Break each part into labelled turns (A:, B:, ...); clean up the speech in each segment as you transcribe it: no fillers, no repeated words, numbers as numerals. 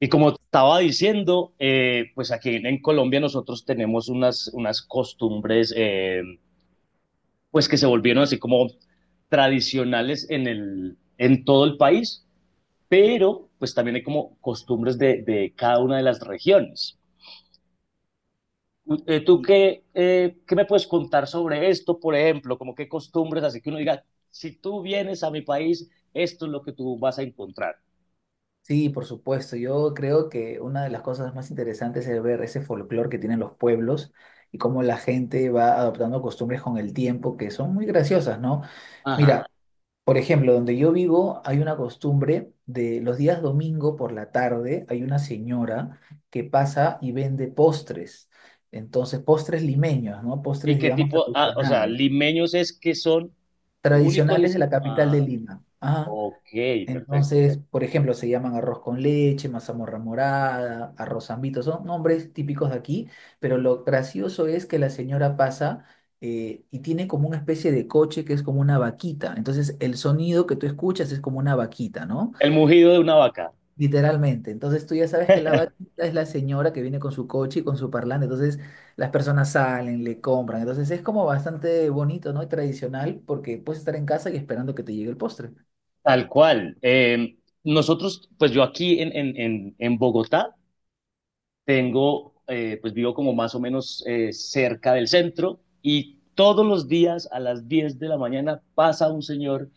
A: Y como te estaba diciendo, pues aquí en Colombia nosotros tenemos unas costumbres pues que se volvieron así como tradicionales en todo el país, pero pues también hay como costumbres de cada una de las regiones. ¿Tú
B: Y-
A: qué, qué me puedes contar sobre esto, por ejemplo? Como qué costumbres, así que uno diga, si tú vienes a mi país, esto es lo que tú vas a encontrar.
B: Sí, por supuesto. Yo creo que una de las cosas más interesantes es ver ese folclore que tienen los pueblos y cómo la gente va adoptando costumbres con el tiempo que son muy graciosas, ¿no?
A: Ajá.
B: Mira, por ejemplo, donde yo vivo hay una costumbre de los días domingo. Por la tarde hay una señora que pasa y vende postres. Entonces, postres limeños, ¿no?
A: ¿Y
B: Postres,
A: qué
B: digamos,
A: tipo, ah, o sea,
B: tradicionales.
A: limeños es que son único y
B: Tradicionales de
A: es.
B: la capital de
A: Ah,
B: Lima. Ajá.
A: ok, perfecto.
B: Entonces, por ejemplo, se llaman arroz con leche, mazamorra morada, arroz zambito, son nombres típicos de aquí, pero lo gracioso es que la señora pasa y tiene como una especie de coche que es como una vaquita. Entonces, el sonido que tú escuchas es como una vaquita, ¿no?
A: El mugido de una vaca,
B: Literalmente. Entonces, tú ya sabes que la vaquita es la señora que viene con su coche y con su parlante. Entonces, las personas salen, le compran. Entonces, es como bastante bonito, ¿no? Y tradicional porque puedes estar en casa y esperando que te llegue el postre.
A: tal cual. Nosotros, pues yo aquí en Bogotá tengo, pues vivo como más o menos cerca del centro y todos los días a las 10 de la mañana pasa un señor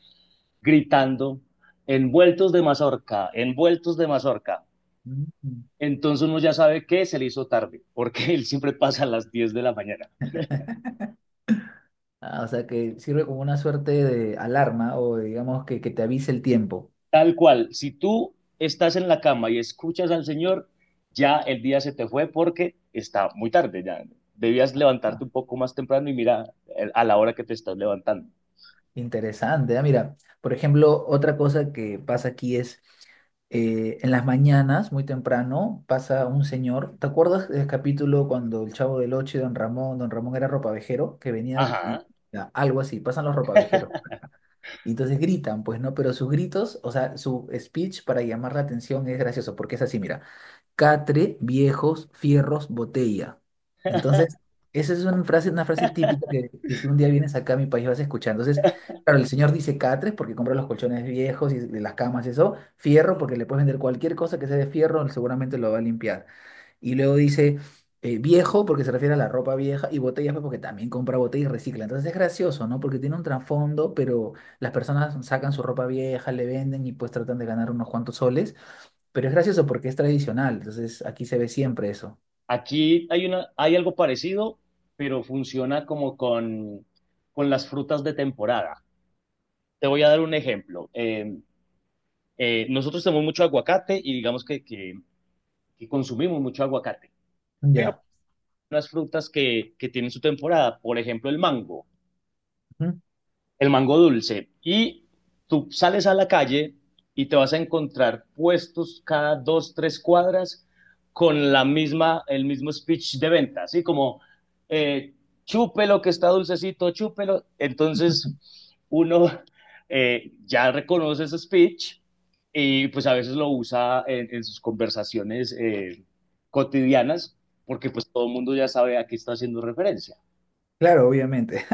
A: gritando envueltos de mazorca, envueltos de mazorca.
B: Mm.
A: Entonces uno ya sabe que se le hizo tarde, porque él siempre pasa a las 10 de la mañana.
B: Ah, o sea, que sirve como una suerte de alarma o digamos que te avise el tiempo.
A: Tal cual, si tú estás en la cama y escuchas al Señor, ya el día se te fue porque está muy tarde, ya debías
B: Ah,
A: levantarte un poco más temprano y mira a la hora que te estás levantando.
B: interesante. Ah, mira, por ejemplo, otra cosa que pasa aquí es en las mañanas, muy temprano, pasa un señor. ¿Te acuerdas del capítulo cuando el Chavo del Ocho y Don Ramón, Don Ramón era ropavejero, que venía y
A: Ajá.
B: ya, algo así, pasan los ropavejeros. Y entonces gritan, pues, ¿no? Pero sus gritos, o sea, su speech para llamar la atención es gracioso, porque es así, mira. Catre, viejos, fierros, botella. Entonces, esa es una frase típica que si un día vienes acá a mi país vas a escuchar. Entonces, claro, el señor dice catres porque compra los colchones viejos y de las camas y eso, fierro porque le puedes vender cualquier cosa que sea de fierro, él seguramente lo va a limpiar. Y luego dice viejo porque se refiere a la ropa vieja y botellas pues, porque también compra botellas y recicla. Entonces es gracioso, ¿no? Porque tiene un trasfondo, pero las personas sacan su ropa vieja, le venden y pues tratan de ganar unos cuantos soles. Pero es gracioso porque es tradicional. Entonces aquí se ve siempre eso.
A: Aquí hay algo parecido, pero funciona como con las frutas de temporada. Te voy a dar un ejemplo. Nosotros tenemos mucho aguacate y digamos que consumimos mucho aguacate, pero
B: Ya.
A: hay unas frutas que tienen su temporada, por ejemplo el mango.
B: Ujú.
A: El mango dulce. Y tú sales a la calle y te vas a encontrar puestos cada dos, tres cuadras con la misma, el mismo speech de venta, así como eh, chúpelo que está dulcecito, chúpelo. Entonces uno ya reconoce ese speech y pues a veces lo usa en sus conversaciones cotidianas porque pues todo el mundo ya sabe a qué está haciendo referencia.
B: Claro, obviamente.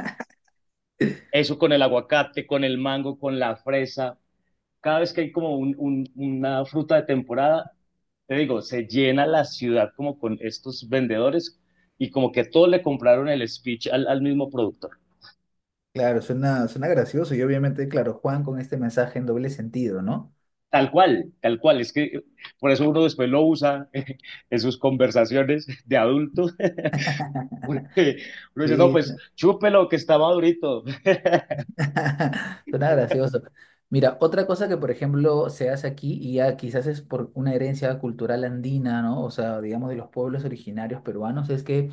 A: Eso con el aguacate, con el mango, con la fresa, cada vez que hay como una fruta de temporada, te digo, se llena la ciudad como con estos vendedores y como que todos le compraron el speech al mismo productor.
B: Claro, suena, suena gracioso y obviamente, claro, Juan con este mensaje en doble sentido, ¿no?
A: Tal cual, tal cual. Es que por eso uno después lo usa en sus conversaciones de adulto. Porque uno dice, no,
B: Sí,
A: pues chúpelo que está madurito.
B: suena gracioso. Mira, otra cosa que, por ejemplo, se hace aquí y ya quizás es por una herencia cultural andina, ¿no? O sea, digamos de los pueblos originarios peruanos, es que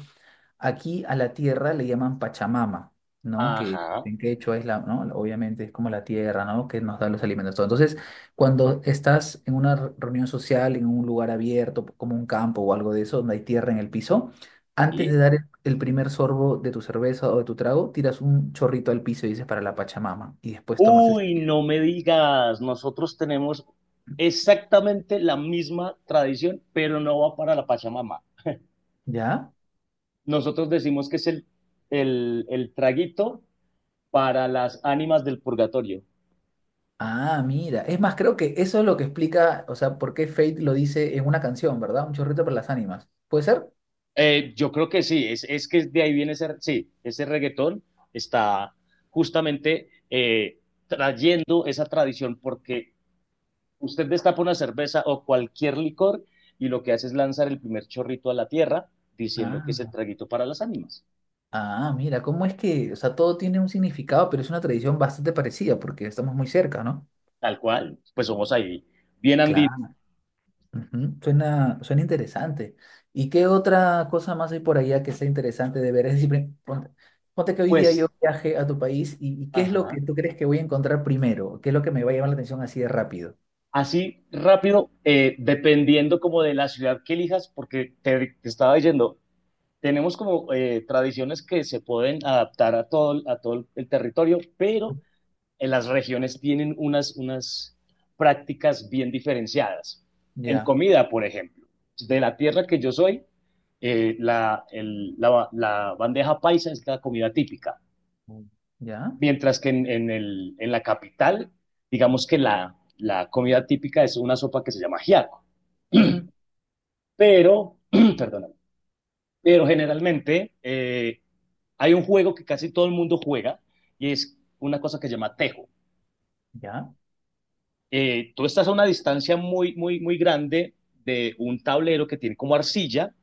B: aquí a la tierra le llaman Pachamama, ¿no? Que
A: Ajá.
B: en hecho es la, ¿no? Obviamente es como la tierra, ¿no? Que nos da los alimentos, todo. Entonces, cuando estás en una reunión social, en un lugar abierto, como un campo o algo de eso, donde hay tierra en el piso, antes de
A: ¿Y?
B: dar el primer sorbo de tu cerveza o de tu trago, tiras un chorrito al piso y dices para la Pachamama, y después tomas el
A: Uy,
B: siguiente.
A: no me digas, nosotros tenemos exactamente la misma tradición, pero no va para la Pachamama.
B: ¿Ya?
A: Nosotros decimos que es el traguito para las ánimas del purgatorio.
B: Ah, mira. Es más, creo que eso es lo que explica, o sea, por qué Fate lo dice en una canción, ¿verdad? Un chorrito para las ánimas. ¿Puede ser?
A: Yo creo que sí, que de ahí viene ese, sí, ese reggaetón, está justamente trayendo esa tradición porque usted destapa una cerveza o cualquier licor y lo que hace es lanzar el primer chorrito a la tierra diciendo que es el
B: Ah.
A: traguito para las ánimas,
B: Ah, mira, ¿cómo es que, o sea, todo tiene un significado, pero es una tradición bastante parecida porque estamos muy cerca, ¿no?
A: tal cual, pues somos ahí bien andinos,
B: Claro. Ujú, suena, suena interesante. ¿Y qué otra cosa más hay por allá que sea interesante de ver? Es decir, ponte, ponte que hoy día yo
A: pues,
B: viaje a tu país y ¿qué es lo
A: ajá,
B: que tú crees que voy a encontrar primero? ¿Qué es lo que me va a llamar la atención así de rápido?
A: así rápido, dependiendo como de la ciudad que elijas, porque te estaba diciendo, tenemos como tradiciones que se pueden adaptar a todo, a todo el territorio, pero en las regiones tienen unas prácticas bien diferenciadas. En
B: Ya.
A: comida, por ejemplo, de la tierra que yo soy, la bandeja paisa es la comida típica,
B: Mm. Ya,
A: mientras que en la capital, digamos que la comida típica es una sopa que se llama ajiaco.
B: ujú,
A: Pero, perdóname, pero generalmente hay un juego que casi todo el mundo juega y es una cosa que se llama tejo.
B: ya.
A: Tú estás a una distancia muy, muy, muy grande de un tablero que tiene como arcilla,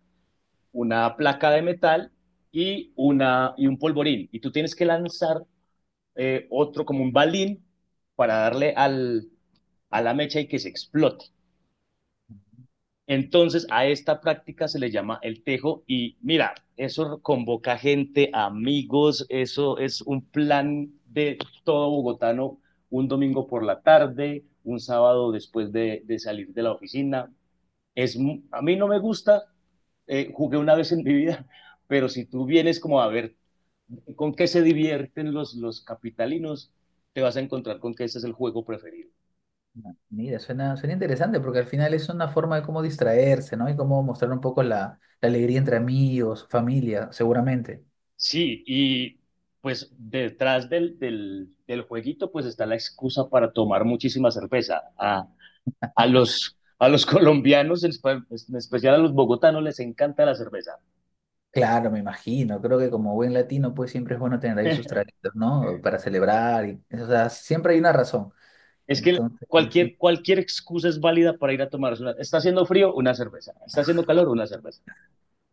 A: una placa de metal y, una, y un polvorín. Y tú tienes que lanzar otro como un balín para darle al, a la mecha y que se explote. Entonces, a esta práctica se le llama el tejo y mira, eso convoca gente, amigos, eso es un plan de todo bogotano, un domingo por la tarde, un sábado después de salir de la oficina. Es, a mí no me gusta, jugué una vez en mi vida, pero si tú vienes como a ver con qué se divierten los capitalinos, te vas a encontrar con que ese es el juego preferido.
B: Mira, suena, suena interesante porque al final es una forma de cómo distraerse, ¿no? Y cómo mostrar un poco la, la alegría entre amigos, familia, seguramente.
A: Sí, y pues detrás del jueguito pues está la excusa para tomar muchísima cerveza. A los colombianos, en especial a los bogotanos, les encanta la cerveza.
B: Claro, me imagino. Creo que como buen latino, pues siempre es bueno tener ahí sus traguitos, ¿no? Para celebrar. Y, o sea, siempre hay una razón.
A: Es que
B: Entonces, sí,
A: cualquier excusa es válida para ir a tomarse una. Está haciendo frío, una cerveza. Está haciendo calor, una cerveza.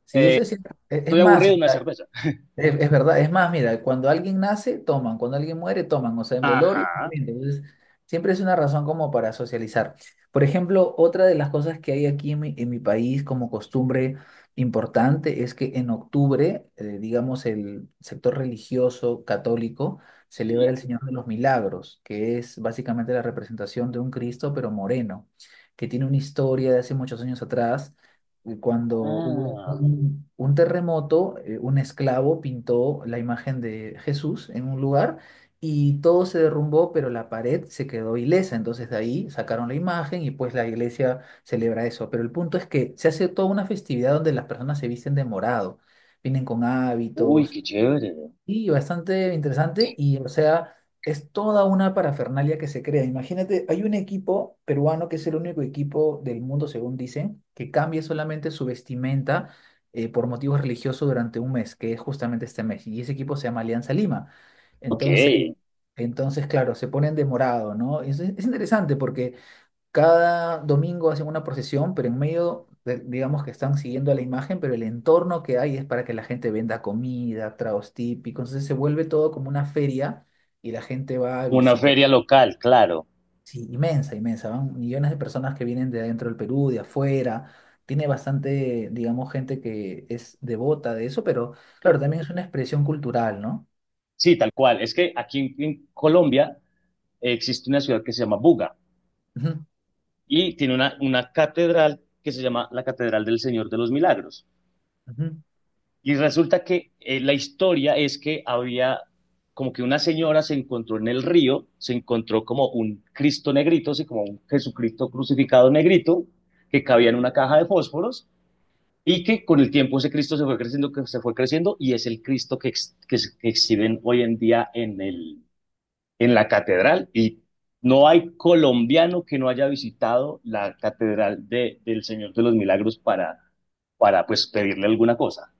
B: sí, eso es cierto. Es
A: Estoy
B: más, o
A: aburrido, una
B: sea,
A: cerveza.
B: es verdad, es más, mira, cuando alguien nace, toman, cuando alguien muere, toman, o sea, en velorio,
A: Ajá,
B: también, entonces, siempre es una razón como para socializar. Por ejemplo, otra de las cosas que hay aquí en mi país como costumbre importante es que en octubre, digamos, el sector religioso católico celebra
A: sí.
B: el Señor de los Milagros, que es básicamente la representación de un Cristo, pero moreno, que tiene una historia de hace muchos años atrás cuando hubo
A: Ah,
B: un terremoto, un esclavo pintó la imagen de Jesús en un lugar y todo se derrumbó, pero la pared se quedó ilesa. Entonces de ahí sacaron la imagen y pues la iglesia celebra eso. Pero el punto es que se hace toda una festividad donde las personas se visten de morado, vienen con
A: uy, qué
B: hábitos
A: chévere.
B: y bastante interesante y, o sea, es toda una parafernalia que se crea. Imagínate, hay un equipo peruano que es el único equipo del mundo, según dicen, que cambia solamente su vestimenta por motivos religiosos durante un mes, que es justamente este mes. Y ese equipo se llama Alianza Lima.
A: Ok,
B: Entonces, entonces, claro, se ponen de morado, ¿no? Es interesante porque cada domingo hacen una procesión, pero en medio, digamos que están siguiendo a la imagen, pero el entorno que hay es para que la gente venda comida, tragos típicos. Entonces se vuelve todo como una feria y la gente va a
A: una
B: visita.
A: feria local, claro.
B: Sí, inmensa, inmensa. Van millones de personas que vienen de adentro del Perú, de afuera. Tiene bastante, digamos, gente que es devota de eso, pero claro,
A: Sí,
B: también es una expresión cultural, ¿no?
A: sí, tal cual. Es que aquí en Colombia existe una ciudad que se llama Buga
B: Ujú,
A: y tiene una catedral que se llama la Catedral del Señor de los Milagros.
B: ujú.
A: Y resulta que la historia es que había como que una señora se encontró en el río, se encontró como un Cristo negrito, así como un Jesucristo crucificado negrito, que cabía en una caja de fósforos y que con el tiempo ese Cristo se fue creciendo, que se fue creciendo y es el Cristo que exhiben hoy en día en el, en la catedral y no hay colombiano que no haya visitado la catedral del Señor de los Milagros para pues pedirle alguna cosa.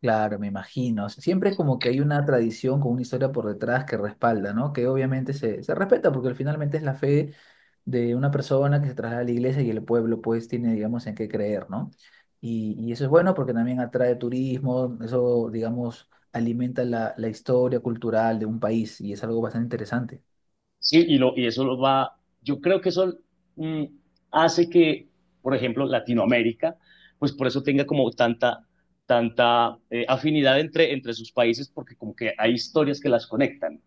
B: Claro, me imagino. Siempre como que hay una tradición con una historia por detrás que respalda, ¿no? Que obviamente se respeta porque al finalmente es la fe de una persona que se traslada a la iglesia y el pueblo pues tiene, digamos, en qué creer, ¿no? Y eso es bueno porque también atrae turismo, eso, digamos, alimenta la, la historia cultural de un país y es algo bastante interesante.
A: Sí, y eso lo va, yo creo que eso mm, hace que, por ejemplo, Latinoamérica, pues por eso tenga como tanta, tanta afinidad entre sus países, porque como que hay historias que las conectan.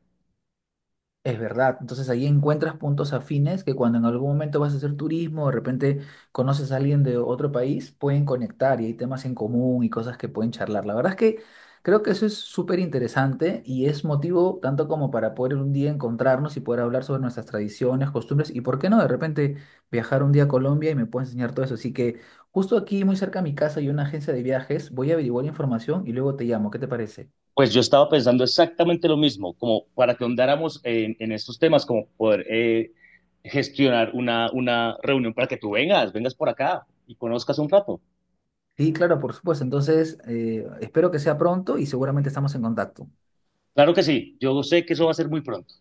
B: Es verdad, entonces ahí encuentras puntos afines que cuando en algún momento vas a hacer turismo, de repente conoces a alguien de otro país, pueden conectar y hay temas en común y cosas que pueden charlar. La verdad es que creo que eso es súper interesante y es motivo tanto como para poder un día encontrarnos y poder hablar sobre nuestras tradiciones, costumbres y por qué no de repente viajar un día a Colombia y me puedes enseñar todo eso. Así que justo aquí muy cerca de mi casa hay una agencia de viajes, voy a averiguar información y luego te llamo, ¿qué te parece?
A: Pues yo estaba pensando exactamente lo mismo, como para que ahondáramos en estos temas, como poder gestionar una reunión para que tú vengas, vengas por acá y conozcas un rato.
B: Sí, claro, por supuesto. Entonces, espero que sea pronto y seguramente estamos en contacto.
A: Claro que sí, yo sé que eso va a ser muy pronto.